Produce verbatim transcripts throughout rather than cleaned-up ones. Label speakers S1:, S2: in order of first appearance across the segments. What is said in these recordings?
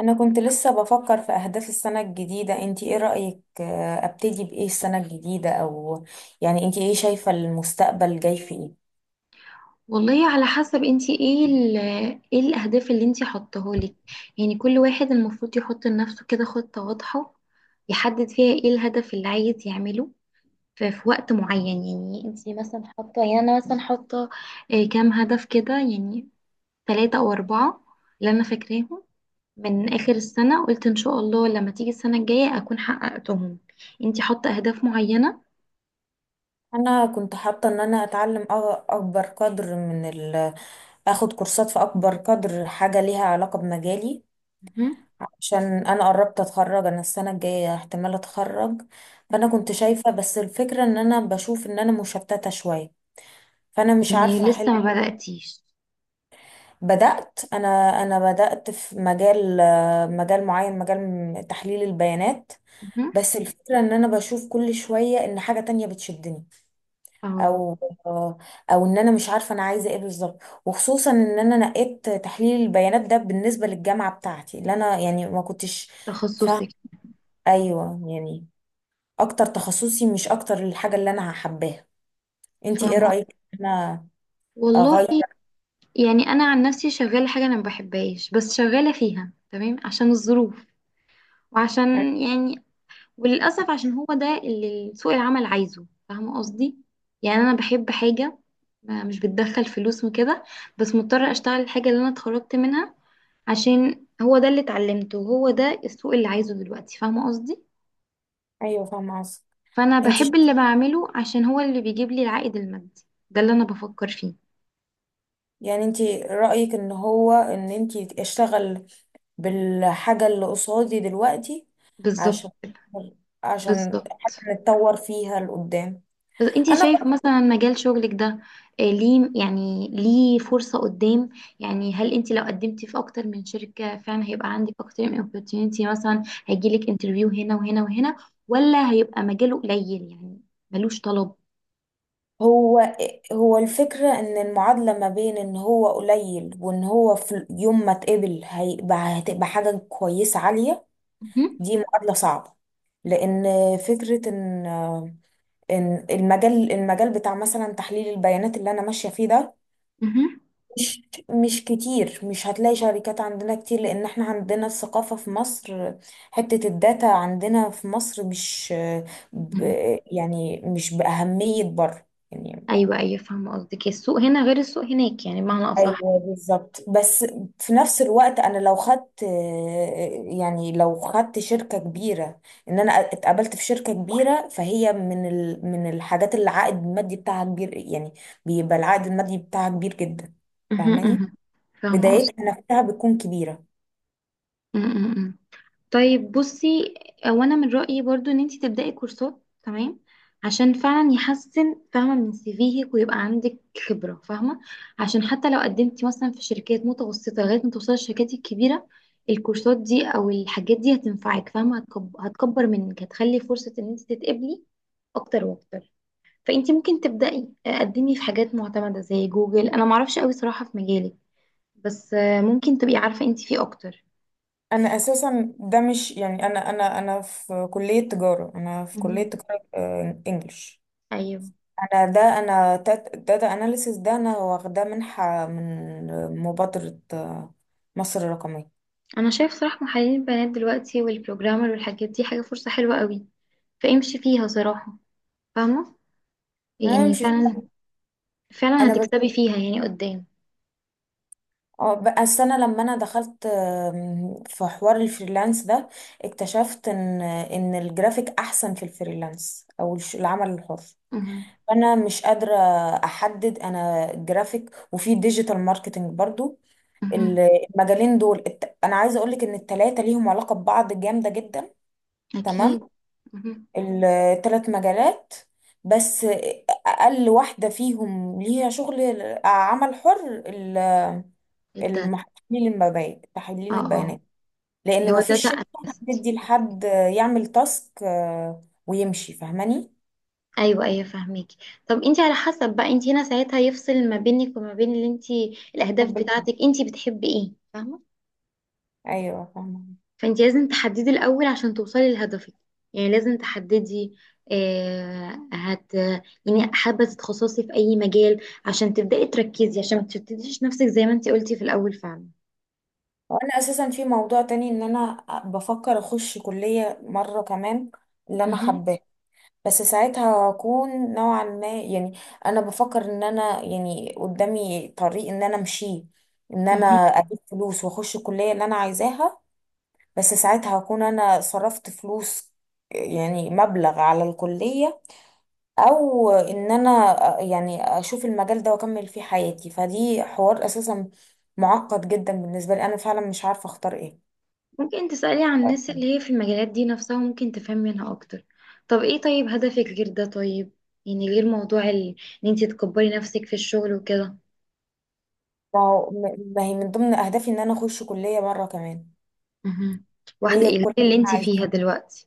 S1: انا كنت لسه بفكر في اهداف السنة الجديدة، انتي ايه رأيك؟ آه، ابتدي بايه السنة الجديدة او يعني انتي ايه شايفة المستقبل جاي في ايه؟
S2: والله على حسب انتي ايه ال ايه الاهداف اللي انتي حطاهولك. يعني كل واحد المفروض يحط لنفسه كده خطة واضحة، يحدد فيها ايه الهدف اللي عايز يعمله ف- في وقت معين. يعني انتي مثلا حاطة، يعني انا مثلا حاطة آه، كام هدف كده، يعني ثلاثة او اربعة اللي انا فاكراهم من اخر السنة. قلت ان شاء الله لما تيجي السنة الجاية اكون حققتهم. انتي حاطة اهداف معينة؟
S1: انا كنت حاطة ان انا اتعلم أ- اكبر قدر من ال اخد كورسات في اكبر قدر حاجة ليها علاقة بمجالي،
S2: مهم.
S1: عشان انا قربت اتخرج، انا السنة الجاية احتمال اتخرج. فانا
S2: مهم.
S1: كنت شايفة، بس الفكرة ان انا بشوف ان انا مشتتة شوية، فانا مش
S2: يعني
S1: عارفة احل.
S2: لسه ما بدأتيش؟
S1: بدأت أنا. أنا بدأت في مجال آه، مجال معين، مجال تحليل البيانات.
S2: مهم.
S1: بس الفكرة إن أنا بشوف كل شوية إن حاجة تانية بتشدني،
S2: اه.
S1: أو آه، أو إن أنا مش عارفة أنا عايزة إيه بالظبط، وخصوصا إن أنا نقيت تحليل البيانات ده بالنسبة للجامعة بتاعتي اللي أنا يعني ما كنتش فاهمة.
S2: تخصصك.
S1: أيوه يعني أكتر تخصصي، مش أكتر الحاجة اللي أنا حباها. أنتي إيه
S2: فاهمة.
S1: رأيك إن أنا
S2: والله،
S1: أغير؟
S2: يعني أنا عن نفسي شغالة حاجة أنا ما بحبهاش، بس شغالة فيها تمام عشان الظروف، وعشان يعني، وللأسف عشان هو ده اللي سوق العمل عايزه، فاهمة قصدي؟ يعني أنا بحب حاجة ما- مش بتدخل فلوس وكده، بس مضطرة أشتغل الحاجة اللي أنا اتخرجت منها عشان هو ده اللي اتعلمته، وهو ده السوق اللي عايزه دلوقتي، فاهمة قصدي؟
S1: أيوه فاهمة قصدك.
S2: فأنا
S1: انت،
S2: بحب اللي بعمله عشان هو اللي بيجيب لي العائد المادي. ده اللي أنا بفكر فيه.
S1: يعني انتي رأيك ان هو ان انتي اشتغل بالحاجة اللي قصادي دلوقتي،
S2: بالظبط.
S1: عشان عشان
S2: بالظبط.
S1: حتى نتطور فيها لقدام.
S2: بس انت
S1: انا
S2: شايفه
S1: ب-
S2: مثلا مجال شغلك ده آه، ليه؟ يعني ليه فرصة قدام؟ يعني هل انت لو قدمتي في اكتر من شركة فعلا هيبقى عندك اكتر من opportunity، مثلا هيجيلك انترفيو هنا وهنا وهنا، ولا هيبقى مجاله قليل يعني، ملوش طلب؟
S1: هو هو الفكرة ان المعادلة ما بين ان هو قليل وان هو في يوم ما اتقبل هيبقى هتبقى حاجة كويسة عالية.
S2: مهم.
S1: دي معادلة صعبة لان فكرة ان، ان المجال المجال بتاع مثلا تحليل البيانات اللي انا ماشية فيه ده،
S2: مهم.
S1: مش مش كتير. مش هتلاقي شركات عندنا كتير، لان احنا عندنا الثقافة في مصر، حتة الداتا عندنا في مصر مش، ب
S2: مهم.
S1: يعني مش بأهمية بره يعني.
S2: ايوه ايوه فاهمة قصدك. السوق هنا غير السوق هناك يعني، بمعنى اصح.
S1: ايوه بالظبط، بس في نفس الوقت انا لو خدت، يعني لو خدت شركة كبيرة، ان انا اتقابلت في شركة كبيرة، فهي من ال من الحاجات اللي العائد المادي بتاعها كبير يعني، بيبقى العائد المادي بتاعها كبير جدا.
S2: مهم.
S1: فاهماني؟
S2: مهم. فاهمة
S1: بدايتها نفسها بتكون كبيرة.
S2: قصدك. طيب بصي، هو انا من رأيي برضو ان انتي تبدأي كورسات، تمام؟ عشان فعلا يحسن، فاهمة، من سيفيهك، ويبقى عندك خبرة، فاهمة؟ عشان حتى لو قدمتي مثلا في شركات متوسطة لغاية ما توصلي الشركات الكبيرة، الكورسات دي او الحاجات دي هتنفعك، فاهمة؟ هتكب- هتكبر منك، هتخلي فرصة ان انتي تتقبلي اكتر واكتر. فانتي ممكن تبدأي، آه، قدمي في حاجات معتمدة زي جوجل، انا معرفش قوي صراحة في مجالك، بس آه، ممكن تبقي عارفة انتي فيه اكتر.
S1: انا اساسا ده مش يعني، انا انا انا في كليه تجاره، انا في كليه
S2: مهم.
S1: تجاره آه، انجلش.
S2: ايوه.
S1: انا ده انا داتا اناليسيس، ده انا واخداه منحه من مبادره آه، مصر الرقميه.
S2: انا شايف صراحة محللين البيانات دلوقتي والبروجرامر والحاجات دي حاجة فرصة حلوة قوي، فامشي فيها صراحة، فاهمة؟
S1: انا
S2: يعني
S1: مش
S2: فعلا، فعلا
S1: انا ب...
S2: هتكسبي فيها يعني قدام.
S1: آه، بقى السنه لما انا دخلت، آم، في حوار الفريلانس ده، اكتشفت ان ان الجرافيك احسن في الفريلانس او الش- العمل الحر.
S2: مهم.
S1: انا مش قادره احدد، انا جرافيك وفي ديجيتال ماركتنج برضو.
S2: مهم.
S1: ال- المجالين دول الت... انا عايزه اقول لك ان التلاتة ليهم علاقه ببعض جامده جدا. تمام.
S2: اكيد. مهم.
S1: التلات مجالات، بس اقل واحده فيهم ليها شغل عمل حر، ال-
S2: الداتا.
S1: الم- تحليل المبادئ،
S2: اه
S1: تحليل
S2: اه.
S1: البيانات،
S2: اللي
S1: لان ما
S2: هو
S1: فيش
S2: داتا
S1: شركه
S2: اناليست.
S1: هتدي لحد يعمل تاسك آه، ويمشي. فاهماني؟
S2: ايوه ايوه فاهميكي. طب انت على حسب بقى، انت هنا ساعتها يفصل ما بينك وما بين اللي انت، الاهداف
S1: طب-
S2: بتاعتك انت بتحبي ايه، فاهمة؟
S1: ايوه فاهمه.
S2: فانت لازم تحددي الاول عشان توصلي لهدفك، يعني لازم تحددي آه هت يعني حابه تتخصصي في اي مجال عشان تبداي تركزي، عشان ما تشتتيش نفسك زي ما انت قلتي في الاول فعلا.
S1: وانا اساسا في موضوع تاني، ان انا بفكر اخش كليه مره كمان، اللي انا
S2: مهم.
S1: حباها. بس ساعتها هكون نوعا ما يعني، انا بفكر ان انا يعني قدامي طريق ان انا امشيه، ان انا
S2: مهم.
S1: اجيب فلوس واخش الكلية اللي انا عايزاها. بس ساعتها هكون انا صرفت فلوس، يعني مبلغ على الكلية، او ان انا يعني اشوف المجال ده واكمل فيه حياتي. فدي حوار اساسا معقد جدا بالنسبة لي، انا فعلا مش عارفة اختار ايه.
S2: ممكن تسالي عن الناس اللي هي في المجالات دي نفسها، وممكن تفهمي منها اكتر. طب ايه؟ طيب هدفك غير ده؟ طيب يعني غير موضوع ال- ان انت تكبري نفسك في الشغل وكده.
S1: ما هو- ما هي من ضمن اهدافي ان انا اخش كلية مرة كمان،
S2: مهم.
S1: اللي
S2: واحده
S1: هي
S2: ايه
S1: الكلية اللي
S2: اللي انت
S1: انا عايزاها.
S2: فيها دلوقتي؟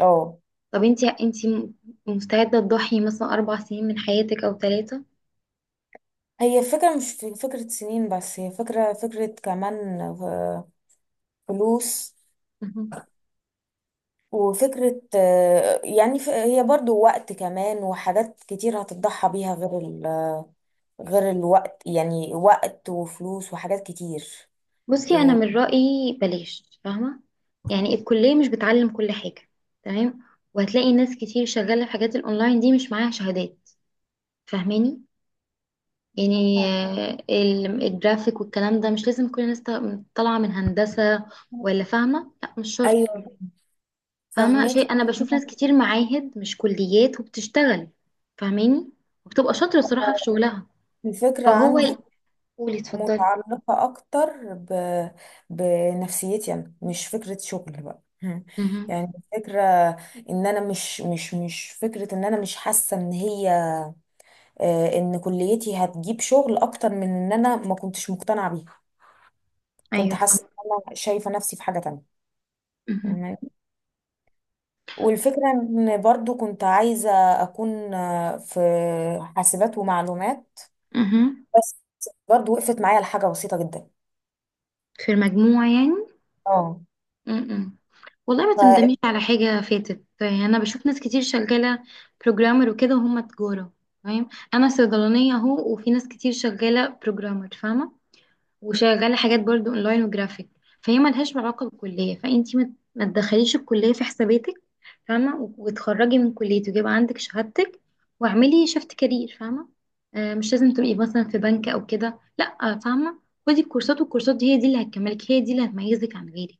S1: اه.
S2: طب انتي انتي م- مستعدة تضحي مثلا أربع سنين من حياتك أو ثلاثة؟
S1: هي فكرة مش في فكرة سنين، بس هي فكرة، فكرة كمان آه، فلوس،
S2: مهم.
S1: وفكرة آه، يعني ف- هي برضو وقت كمان وحاجات كتير هتضحى بيها غير ال غير الوقت، يعني وقت وفلوس وحاجات كتير.
S2: بصي، أنا
S1: و-
S2: من رأيي بلاش، فاهمة؟ يعني الكلية مش بتعلم كل حاجة، تمام؟ وهتلاقي ناس كتير شغالة في حاجات الأونلاين دي مش معاها شهادات، فاهماني؟ يعني آه، ال- الجرافيك والكلام ده مش لازم كل الناس ط- طالعة من هندسة،
S1: فاهمة.
S2: ولا فاهمة؟ لا مش شرط،
S1: أيوة
S2: فاهمة
S1: فهماكي.
S2: شيء؟ أنا بشوف ناس كتير معاهد مش كليات وبتشتغل، فاهماني؟ وبتبقى شاطرة صراحة في شغلها.
S1: الفكرة
S2: فهو،
S1: عندي
S2: قولي اتفضلي.
S1: متعلقة أكتر ب... بنفسيتي، أنا مش فكرة شغل بقى
S2: مهم.
S1: يعني فكرة إن أنا مش مش مش فكرة، إن أنا مش حاسة إن هي آه، إن كليتي هتجيب شغل أكتر، من إن أنا ما كنتش مقتنعة بيها. كنت
S2: ايوه
S1: حاسة
S2: فاهمة.
S1: إن أنا شايفة نفسي في حاجة تانية.
S2: مهم.
S1: فاهماني؟ والفكرة إن برضو كنت عايزة أكون آه، في حاسبات ومعلومات،
S2: مهم.
S1: بس برضو وقفت معايا لحاجة بسيطة جدا.
S2: في المجموع يعني.
S1: اه.
S2: مهم. والله ما تندميش على حاجة فاتت، يعني أنا بشوف ناس كتير شغالة بروجرامر وكده وهم تجارة، فاهم؟ أنا صيدلانية أهو، وفي ناس كتير شغالة بروجرامر، فاهمة؟ وشغاله حاجات برضو اونلاين وجرافيك، فهي ملهاش علاقه بالكليه. فانتي ما ما تدخليش الكليه في حساباتك، فاهمه؟ و- وتخرجي من كليتك ويبقى عندك شهادتك، واعملي شفت كارير، فاهمه؟ آه مش لازم تبقي مثلا في بنك او كده، لا، فاهمه؟ خدي الكورسات، والكورسات دي هي دي اللي هتكملك، هي دي اللي هتميزك عن غيرك.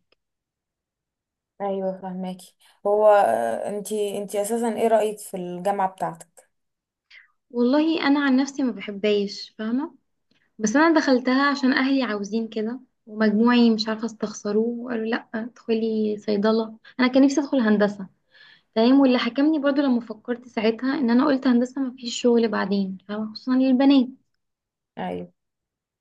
S1: ايوه فهماكي. هو آه، انتي انتي اساسا ايه رأيك في الجامعة بتاعتك؟
S2: والله انا عن نفسي ما بحبهاش، فاهمه؟ بس انا دخلتها عشان اهلي عاوزين كده، ومجموعي مش عارفه استخسروه، وقالوا لا ادخلي صيدله. انا كان نفسي ادخل هندسه، فاهم؟ واللي حكمني برضو لما فكرت ساعتها ان انا قلت هندسه ما فيش شغل بعدين، فاهمة؟ خصوصا للبنات.
S1: ايوه.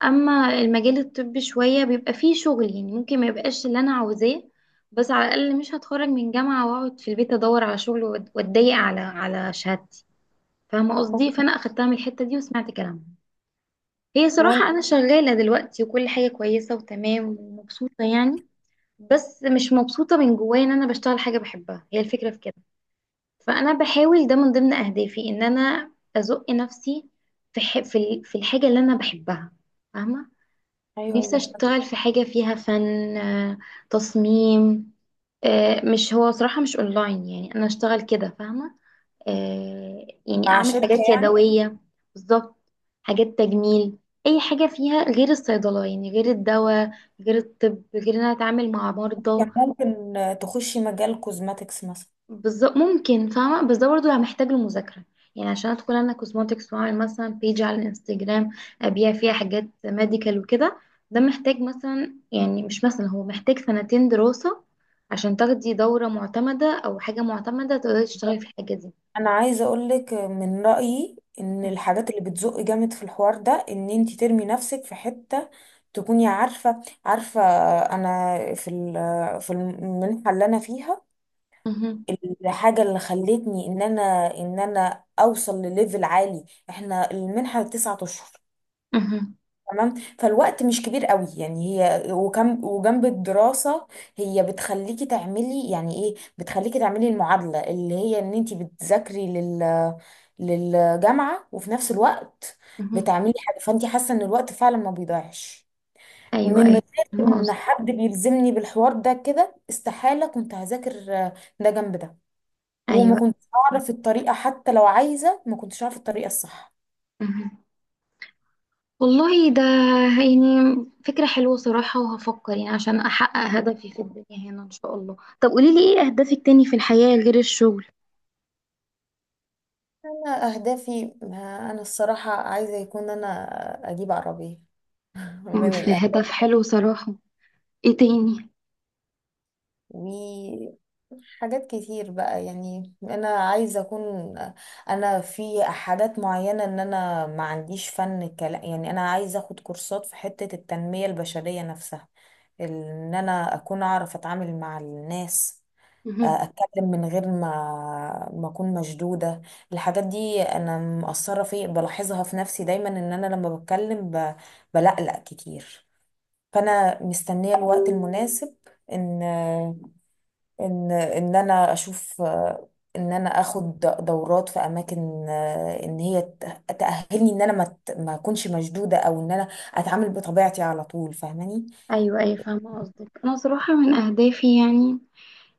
S2: اما المجال الطبي شويه بيبقى فيه شغل، يعني ممكن ما يبقاش اللي انا عاوزاه، بس على الاقل مش هتخرج من جامعه واقعد في البيت ادور على شغل وأت- واتضايق على على شهادتي، فاهمه
S1: هو.
S2: قصدي؟ فانا اخدتها من الحته دي وسمعت كلامها. هي
S1: هو انت.
S2: صراحه انا شغاله دلوقتي وكل حاجه كويسه وتمام ومبسوطه، يعني. بس مش مبسوطه من جوايا ان انا بشتغل حاجه بحبها، هي الفكره في كده. فانا بحاول، ده من ضمن اهدافي، ان انا ازق نفسي في ح... في ال- في الحاجه اللي انا بحبها، فاهمه؟ نفسي
S1: ايوه.
S2: اشتغل في حاجه فيها فن، آه، تصميم. آه، مش هو صراحه مش اونلاين يعني انا اشتغل كده، فاهمه؟ آه، يعني
S1: مع
S2: اعمل
S1: شركة
S2: حاجات
S1: يعني؟
S2: يدويه. بالظبط. حاجات تجميل. اي حاجه فيها غير الصيدله، يعني غير الدواء، غير الطب، غير ان انا اتعامل مع مرضى.
S1: كان ممكن آه، تخشي مجال كوزماتكس مثلا.
S2: بالظبط ممكن، فاهمة، بس ده برضه يعني محتاج المذاكرة. يعني عشان ادخل انا كوزماتكس واعمل مثلا بيج على الانستجرام ابيع فيها حاجات ميديكال وكده، ده محتاج مثلا، يعني مش مثلا، هو محتاج سنتين دراسة عشان تاخدي دورة معتمدة او حاجة معتمدة تقدري تشتغلي
S1: بالظبط.
S2: في الحاجة دي.
S1: انا عايزة اقولك آه، من رأيي ان الحاجات اللي بتزق جامد في الحوار ده ان انتي ترمي نفسك في حتة تكوني عارفة، عارفة آه، انا في ال- آه، في المنحة اللي انا فيها،
S2: مهم.
S1: الحاجة اللي خلتني ان انا، ان انا اوصل لليفل عالي. احنا المنحة تسعة اشهر.
S2: مهم.
S1: تمام. فالوقت مش كبير قوي يعني، هي وكم وجنب الدراسة، هي بتخليكي تعملي يعني ايه، بتخليكي تعملي المعادلة اللي هي ان انتي بتذاكري لل للجامعة وفي نفس الوقت
S2: مهم.
S1: بتعملي حاجة، فانتي حاسة ان الوقت فعلا ما بيضيعش.
S2: ايوه
S1: من
S2: ايوه
S1: غير
S2: فاهمة
S1: ان
S2: قصدك.
S1: حد بيلزمني بالحوار ده كده، استحالة كنت هذاكر آه، ده جنب ده، وما
S2: ايوه.
S1: كنتش اعرف الطريقة. حتى لو عايزة، ما كنتش اعرف الطريقة الصح.
S2: مهم. والله ده يعني فكرة حلوة صراحة، وهفكر يعني عشان أحقق هدفي في الدنيا هنا إن شاء الله. طب قوليلي إيه أهدافك تاني في الحياة غير الشغل؟
S1: انا اهدافي، ما انا الصراحة عايزة يكون انا اجيب عربية
S2: أمم،
S1: من
S2: في
S1: الاهل،
S2: هدف حلو صراحة. إيه تاني؟
S1: وحاجات كتير بقى يعني. انا عايزة اكون، انا في حاجات معينة ان انا ما عنديش فن كلام يعني، انا عايزة اخد كورسات في حتة التنمية البشرية نفسها، ان انا اكون اعرف اتعامل مع الناس،
S2: مهم.
S1: اتكلم من غير ما ما اكون مشدوده. الحاجات دي انا مقصره في بلاحظها في نفسي دايما ان انا لما بتكلم ب... بلقلق كتير. فانا مستنيه الوقت المناسب ان ان ان انا اشوف ان انا اخد دورات في اماكن، ان هي ت- تاهلني ان انا ما ت- ما اكونش مشدوده، او ان انا اتعامل بطبيعتي على طول. فاهماني؟
S2: أيوة أيوة فاهمة قصدك. أنا صراحة من أهدافي يعني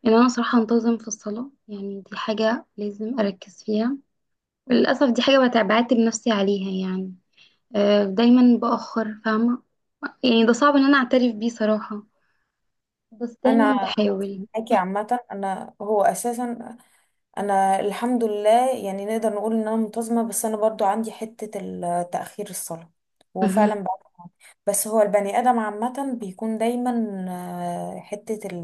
S2: إن أنا صراحة أنتظم في الصلاة، يعني دي حاجة لازم أركز فيها. للأسف دي حاجة بتع- بعاتب نفسي عليها يعني، آه، دايما بأخر، فاهمة؟ يعني ده صعب إن أنا أعترف بيه صراحة، بس
S1: انا
S2: دايما بحاول.
S1: معاكي عامه. انا هو اساسا، انا الحمد لله يعني نقدر نقول ان انا منتظمه، بس انا برضو عندي حته ال- تاخير الصلاه،
S2: مهم.
S1: وفعلا بقى. بس هو البني ادم عامه بيكون دايما آه، حته ال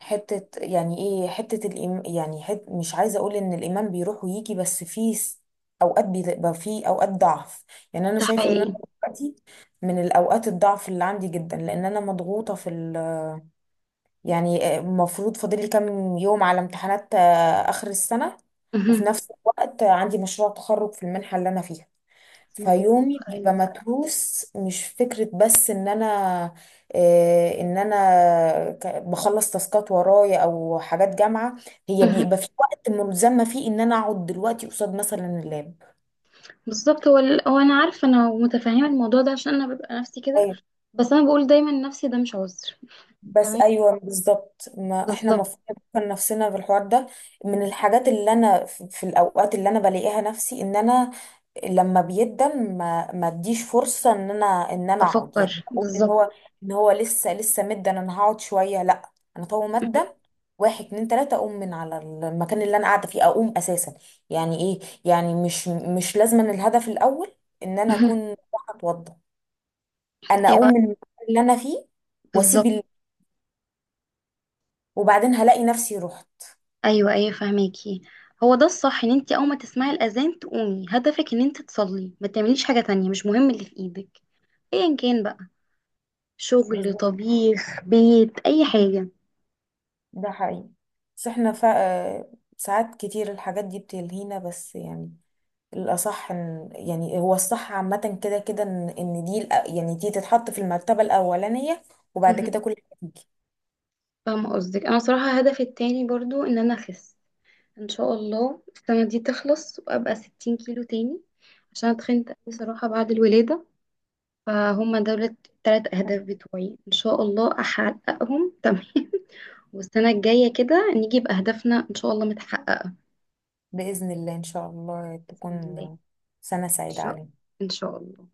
S1: حته يعني ايه، حته الإيم يعني حت، مش عايزه اقول ان الايمان بيروح ويجي، بس في س- اوقات بيبقى، في اوقات ضعف يعني. انا
S2: ده
S1: شايفه ان انا
S2: حقيقي.
S1: دلوقتي من الاوقات الضعف اللي عندي جدا، لان انا مضغوطه في يعني، آه، المفروض فاضل لي كام يوم على امتحانات آه، آخر السنة، وفي
S2: مهم.
S1: نفس الوقت عندي مشروع تخرج في المنحة اللي أنا فيها.
S2: انا بجد
S1: فيومي بيبقى
S2: متخيل.
S1: متروس، مش فكرة بس إن أنا آه، إن أنا ك- بخلص تاسكات ورايا أو حاجات جامعة، هي
S2: مهم.
S1: بيبقى في وقت ملزمة فيه إن أنا أقعد دلوقتي قصاد مثلا اللاب.
S2: بالظبط. هو ال- هو انا عارفه، انا متفهمه الموضوع ده عشان انا ببقى نفسي كده،
S1: أيوة.
S2: بس انا بقول دايما نفسي ده مش عذر.
S1: بس
S2: تمام.
S1: أيوه بالظبط، ما إحنا
S2: بالظبط.
S1: المفروض نفكر نفسنا في الحوار ده. من الحاجات اللي أنا في، في الأوقات اللي أنا بلاقيها نفسي إن أنا لما بيقدم ما ما اديش فرصه ان انا، ان انا اقعد يعني
S2: افكر
S1: اقول ان
S2: بالظبط.
S1: هو، ان هو لسه لسه مدن، انا هقعد شويه. لا، انا طول ما
S2: مهم.
S1: ادم واحد اتنين تلاته اقوم من على المكان اللي انا قاعده فيه، اقوم اساسا. يعني ايه يعني، مش مش لازما، الهدف الاول ان انا
S2: مهم.
S1: اكون رايحة اتوضى، انا اقوم
S2: ايوه.
S1: من المكان اللي انا فيه واسيب
S2: بالظبط.
S1: ال... وبعدين هلاقي نفسي رحت.
S2: ايوه ايوه فهماكي. هو ده الصح، ان انت اول ما تسمعي الاذان تقومي، هدفك ان انت تصلي، ما تعمليش حاجه تانية، مش مهم اللي في ايدك ايا كان بقى، شغل،
S1: بالظبط.
S2: طبيخ، بيت، اي حاجه.
S1: ده حقيقي، بس احنا فا... ساعات كتير الحاجات دي بتلهينا بس يعني. الأصح إن، يعني هو الصح عامة كده كده، إن إن دي الأ- يعني دي تتحط في المرتبة الأولانية، وبعد
S2: مهم.
S1: كده كل حاجة تيجي.
S2: فاهمه قصدك. انا صراحه هدفي التاني برضو ان انا اخس، ان شاء الله السنة دي تخلص وابقى ستين كيلو تاني عشان اتخنت قوي صراحة بعد الولادة. فهم دول التلات اهداف بتوعي، ان شاء الله احققهم تمام. والسنة الجاية كده نيجي بأهدافنا ان شاء الله متحققة.
S1: بإذن الله إن شاء الله
S2: بإذن الله.
S1: تكون سنة
S2: ان
S1: سعيدة
S2: شاء
S1: علينا.
S2: ان شاء الله.